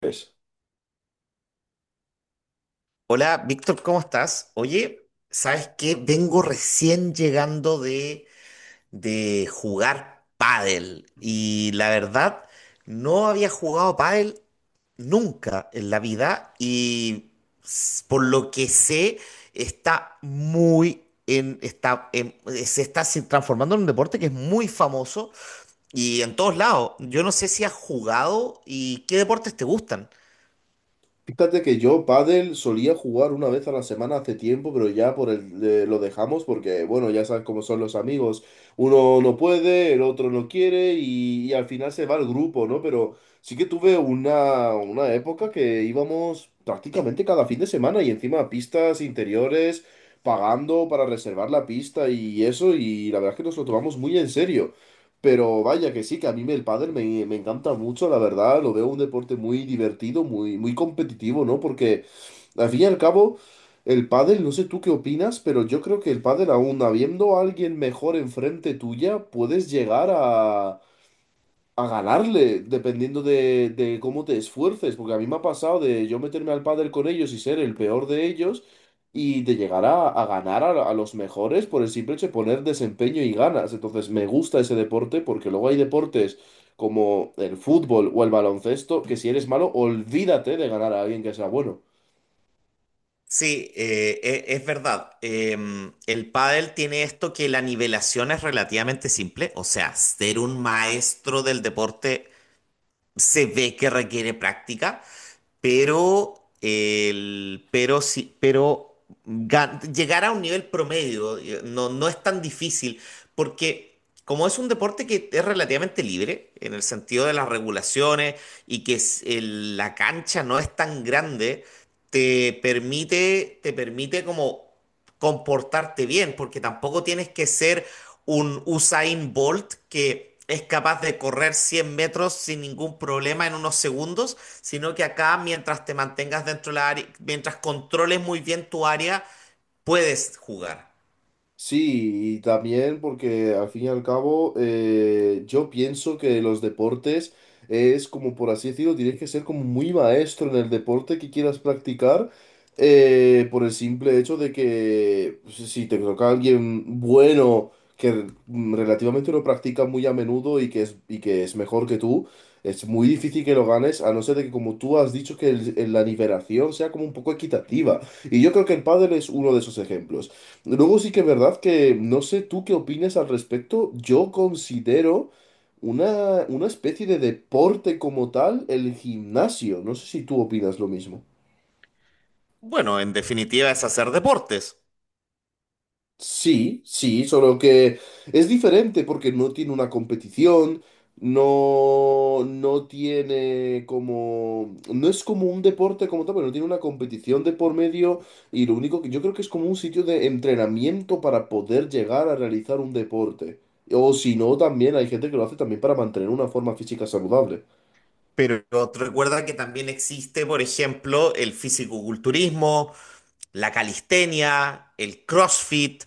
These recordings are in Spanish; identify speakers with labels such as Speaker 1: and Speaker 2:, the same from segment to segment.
Speaker 1: Pues,
Speaker 2: Hola, Víctor, ¿cómo estás? Oye, ¿sabes qué? Vengo recién llegando de jugar pádel y la verdad no había jugado pádel nunca en la vida y por lo que sé está muy en, se está transformando en un deporte que es muy famoso y en todos lados. Yo no sé si has jugado y qué deportes te gustan.
Speaker 1: fíjate que yo pádel solía jugar una vez a la semana hace tiempo, pero ya por el, lo dejamos porque, bueno, ya sabes cómo son los amigos. Uno no puede, el otro no quiere y al final se va el grupo, ¿no? Pero sí que tuve una época que íbamos prácticamente cada fin de semana y encima a pistas interiores, pagando para reservar la pista y eso, y la verdad es que nos lo tomamos muy en serio. Pero vaya que sí, que a mí me- el pádel me, me encanta mucho, la verdad, lo veo un deporte muy divertido, muy, muy competitivo, ¿no? Porque al fin y al cabo, el pádel, no sé tú qué opinas, pero yo creo que el pádel aún habiendo a alguien mejor enfrente tuya, puedes llegar a ganarle, dependiendo de cómo te esfuerces, porque a mí me ha pasado de yo meterme al pádel con ellos y ser el peor de ellos y de llegar a ganar a los mejores por el simple hecho de poner desempeño y ganas. Entonces me gusta ese deporte porque luego hay deportes como el fútbol o el baloncesto que si eres malo, olvídate de ganar a alguien que sea bueno.
Speaker 2: Sí, es verdad. El pádel tiene esto que la nivelación es relativamente simple, o sea, ser un maestro del deporte se ve que requiere práctica, pero, el, pero, sí, pero gan- llegar a un nivel promedio, no es tan difícil, porque como es un deporte que es relativamente libre en el sentido de las regulaciones y que es la cancha no es tan grande, te permite como comportarte bien, porque tampoco tienes que ser un Usain Bolt, que es capaz de correr 100 metros sin ningún problema en unos segundos, sino que acá mientras te mantengas dentro de la área, mientras controles muy bien tu área, puedes jugar.
Speaker 1: Sí, y también porque al fin y al cabo yo pienso que los deportes es como por así decirlo, tienes que ser como muy maestro en el deporte que quieras practicar por el simple hecho de que si te toca alguien bueno que relativamente lo practica muy a menudo y que es mejor que tú, es muy difícil que lo ganes a no ser de que como tú has dicho que el- la nivelación sea como un poco equitativa. Y yo creo que el pádel es uno de esos ejemplos. Luego sí que es verdad que no sé tú qué opinas al respecto. Yo considero una especie de deporte como tal el gimnasio. No sé si tú opinas lo mismo.
Speaker 2: Bueno, en definitiva es hacer deportes.
Speaker 1: Sí, sí, solo que es diferente porque no tiene una competición, no, no tiene como, no es como un deporte como tal, pero no tiene una competición de por medio y lo único que yo creo que es como un sitio de entrenamiento para poder llegar a realizar un deporte. O si no, también hay gente que lo hace también para mantener una forma física saludable.
Speaker 2: Pero recuerda que también existe, por ejemplo, el fisicoculturismo, la calistenia, el CrossFit,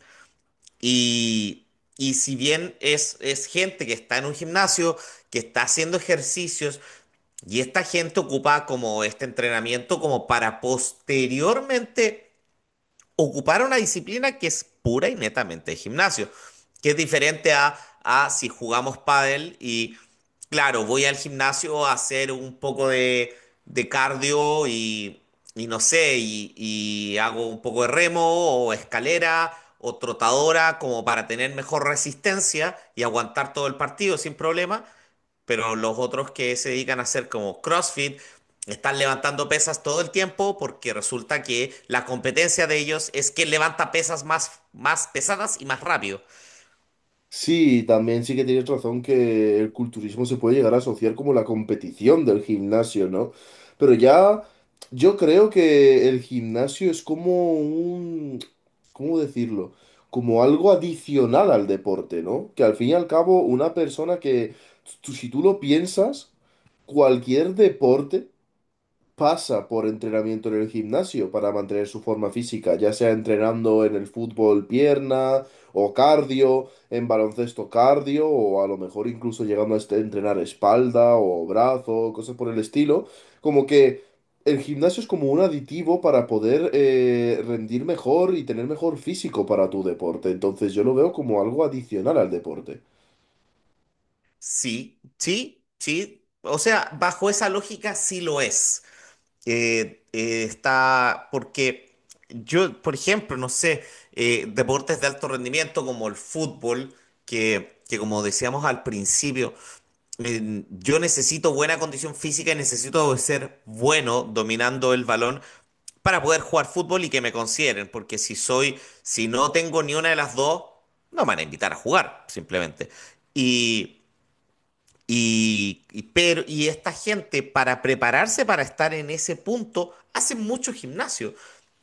Speaker 2: y, y si bien es gente que está en un gimnasio, que está haciendo ejercicios, y esta gente ocupaba como este entrenamiento como para posteriormente ocupar una disciplina que es pura y netamente de gimnasio, que es diferente a, si jugamos pádel y claro, voy al gimnasio a hacer un poco de cardio y no sé, y hago un poco de remo o escalera o trotadora como para tener mejor resistencia y aguantar todo el partido sin problema, pero los otros que se dedican a hacer como CrossFit están levantando pesas todo el tiempo, porque resulta que la competencia de ellos es que levanta pesas más, más pesadas y más rápido.
Speaker 1: Sí, también sí que tienes razón que el culturismo se puede llegar a asociar como la competición del gimnasio, ¿no? Pero ya yo creo que el gimnasio es como un, ¿cómo decirlo? Como algo adicional al deporte, ¿no? Que al fin y al cabo una persona que, tú- si tú lo piensas, cualquier deporte pasa por entrenamiento en el gimnasio para mantener su forma física, ya sea entrenando en el fútbol pierna o cardio, en baloncesto cardio o a lo mejor incluso llegando a este- entrenar espalda o brazo, cosas por el estilo, como que el gimnasio es como un aditivo para poder rendir mejor y tener mejor físico para tu deporte, entonces yo lo veo como algo adicional al deporte.
Speaker 2: Sí, sí, sí. O sea, bajo esa lógica sí lo es. Está porque yo, por ejemplo, no sé, deportes de alto rendimiento como el fútbol, que como decíamos al principio, yo necesito buena condición física y necesito ser bueno dominando el balón para poder jugar fútbol y que me consideren, porque si no tengo ni una de las dos, no me van a invitar a jugar, simplemente. Y, y esta gente, para prepararse para estar en ese punto, hace mucho gimnasio.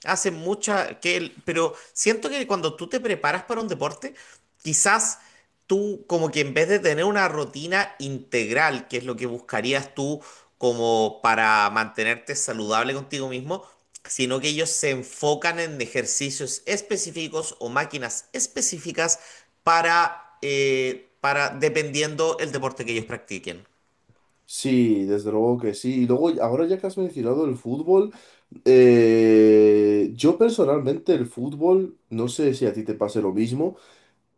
Speaker 2: Hace mucha. Pero siento que cuando tú te preparas para un deporte, quizás tú, como que en vez de tener una rutina integral, que es lo que buscarías tú como para mantenerte saludable contigo mismo, sino que ellos se enfocan en ejercicios específicos o máquinas específicas para dependiendo el deporte que ellos practiquen.
Speaker 1: Sí, desde luego que sí. Y luego, ahora ya que has mencionado el fútbol, yo personalmente el fútbol, no sé si a ti te pase lo mismo,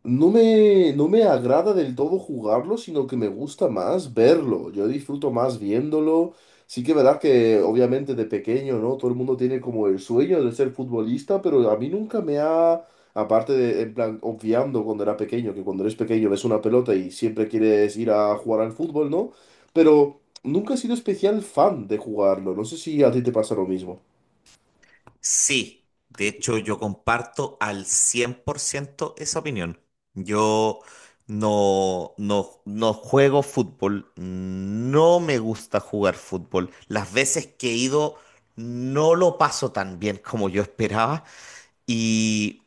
Speaker 1: no me, no me agrada del todo jugarlo, sino que me gusta más verlo. Yo disfruto más viéndolo. Sí que es verdad que obviamente de pequeño, ¿no? Todo el mundo tiene como el sueño de ser futbolista, pero a mí nunca me ha, aparte de, en plan, obviando cuando era pequeño, que cuando eres pequeño ves una pelota y siempre quieres ir a jugar al fútbol, ¿no? Pero nunca he sido especial fan de jugarlo. No sé si a ti te pasa lo mismo.
Speaker 2: Sí, de hecho yo comparto al 100% esa opinión. Yo no juego fútbol, no me gusta jugar fútbol. Las veces que he ido no lo paso tan bien como yo esperaba y...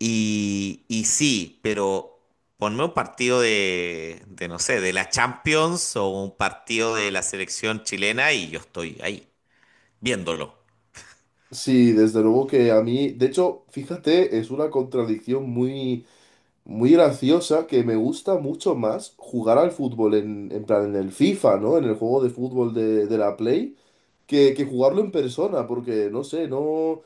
Speaker 2: Y sí, pero ponme un partido no sé, de la Champions o un partido de la selección chilena y yo estoy ahí, viéndolo.
Speaker 1: Sí, desde luego que a mí, de hecho, fíjate, es una contradicción muy, muy graciosa que me gusta mucho más jugar al fútbol en plan en el FIFA, ¿no? En el juego de fútbol de la Play, que jugarlo en persona, porque no sé, no.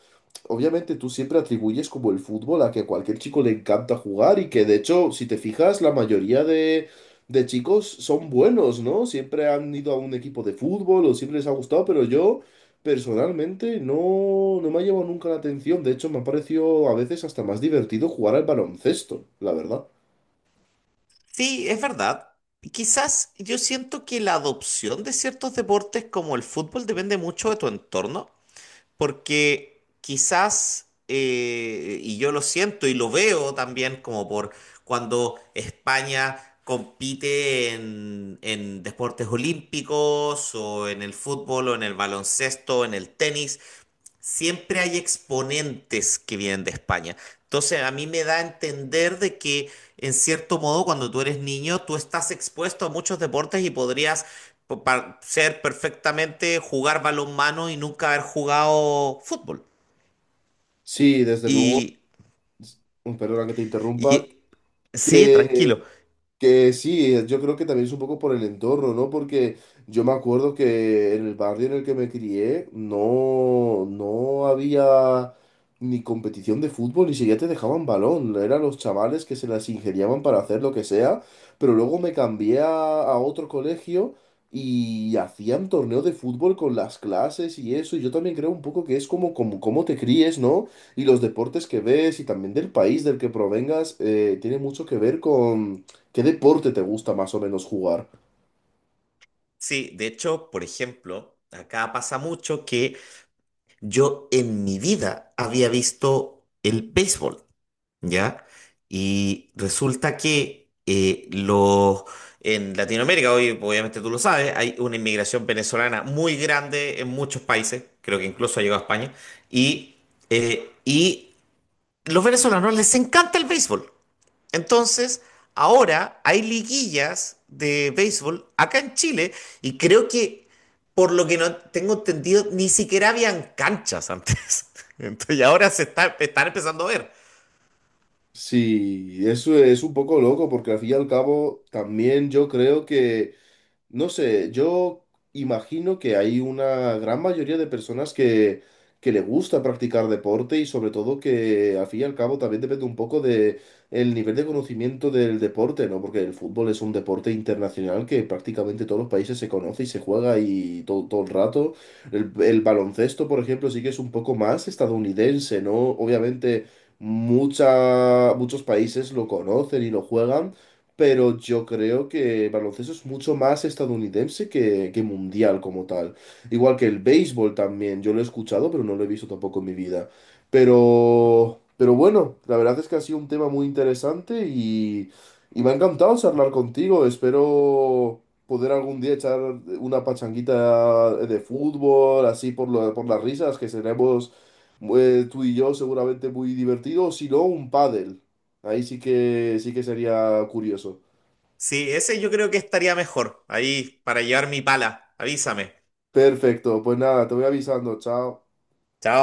Speaker 1: Obviamente tú siempre atribuyes como el fútbol a que a cualquier chico le encanta jugar y que de hecho, si te fijas, la mayoría de chicos son buenos, ¿no? Siempre han ido a un equipo de fútbol o siempre les ha gustado, pero yo personalmente no, no me ha llevado nunca la atención. De hecho, me ha parecido a veces hasta más divertido jugar al baloncesto, la verdad.
Speaker 2: Sí, es verdad. Quizás yo siento que la adopción de ciertos deportes como el fútbol depende mucho de tu entorno, porque quizás, y yo lo siento y lo veo también como por cuando España compite en deportes olímpicos o en el fútbol o en el baloncesto, en el tenis, siempre hay exponentes que vienen de España. Entonces, a mí me da a entender de que, en cierto modo, cuando tú eres niño, tú estás expuesto a muchos deportes y podrías ser perfectamente jugar balonmano y nunca haber jugado fútbol.
Speaker 1: Sí, desde luego,
Speaker 2: Y,
Speaker 1: perdona que te interrumpa,
Speaker 2: y sí, tranquilo.
Speaker 1: que Que sí, yo creo que también es un poco por el entorno, ¿no? Porque yo me acuerdo que en el barrio en el que me crié no, no había ni competición de fútbol, ni siquiera te dejaban balón. Eran los chavales que se las ingeniaban para hacer lo que sea, pero luego me cambié a otro colegio y hacían torneo de fútbol con las clases y eso. Y yo también creo un poco que es como, como, cómo te críes, ¿no? Y los deportes que ves y también del país del que provengas tiene mucho que ver con ¿qué deporte te gusta más o menos jugar?
Speaker 2: Sí, de hecho, por ejemplo, acá pasa mucho que yo en mi vida había visto el béisbol. ¿Ya? Y resulta que en Latinoamérica, hoy obviamente tú lo sabes, hay una inmigración venezolana muy grande en muchos países, creo que incluso ha llegado a España, y, y los venezolanos les encanta el béisbol. Entonces, ahora hay liguillas de béisbol acá en Chile y creo que... Por lo que no tengo entendido, ni siquiera habían canchas antes. Entonces, y ahora están empezando a ver.
Speaker 1: Sí, eso es un poco loco porque al fin y al cabo también yo creo que no sé, yo imagino que hay una gran mayoría de personas que le gusta practicar deporte y sobre todo que al fin y al cabo también depende un poco de el nivel de conocimiento del deporte, ¿no? Porque el fútbol es un deporte internacional que prácticamente todos los países se conoce y se juega y todo, todo el rato. El baloncesto, por ejemplo, sí que es un poco más estadounidense, ¿no? Obviamente mucha, muchos países lo conocen y lo juegan pero yo creo que el baloncesto es mucho más estadounidense que mundial como tal. Igual que el béisbol también, yo lo he escuchado, pero no lo he visto tampoco en mi vida. Pero bueno, la verdad es que ha sido un tema muy interesante y me ha encantado charlar contigo. Espero poder algún día echar una pachanguita de fútbol, así por, lo- por las risas, que seremos tú y yo seguramente muy divertidos, si no un pádel. Ahí sí que sería curioso.
Speaker 2: Sí, ese yo creo que estaría mejor. Ahí, para llevar mi pala. Avísame.
Speaker 1: Perfecto, pues nada, te voy avisando, chao.
Speaker 2: Chao.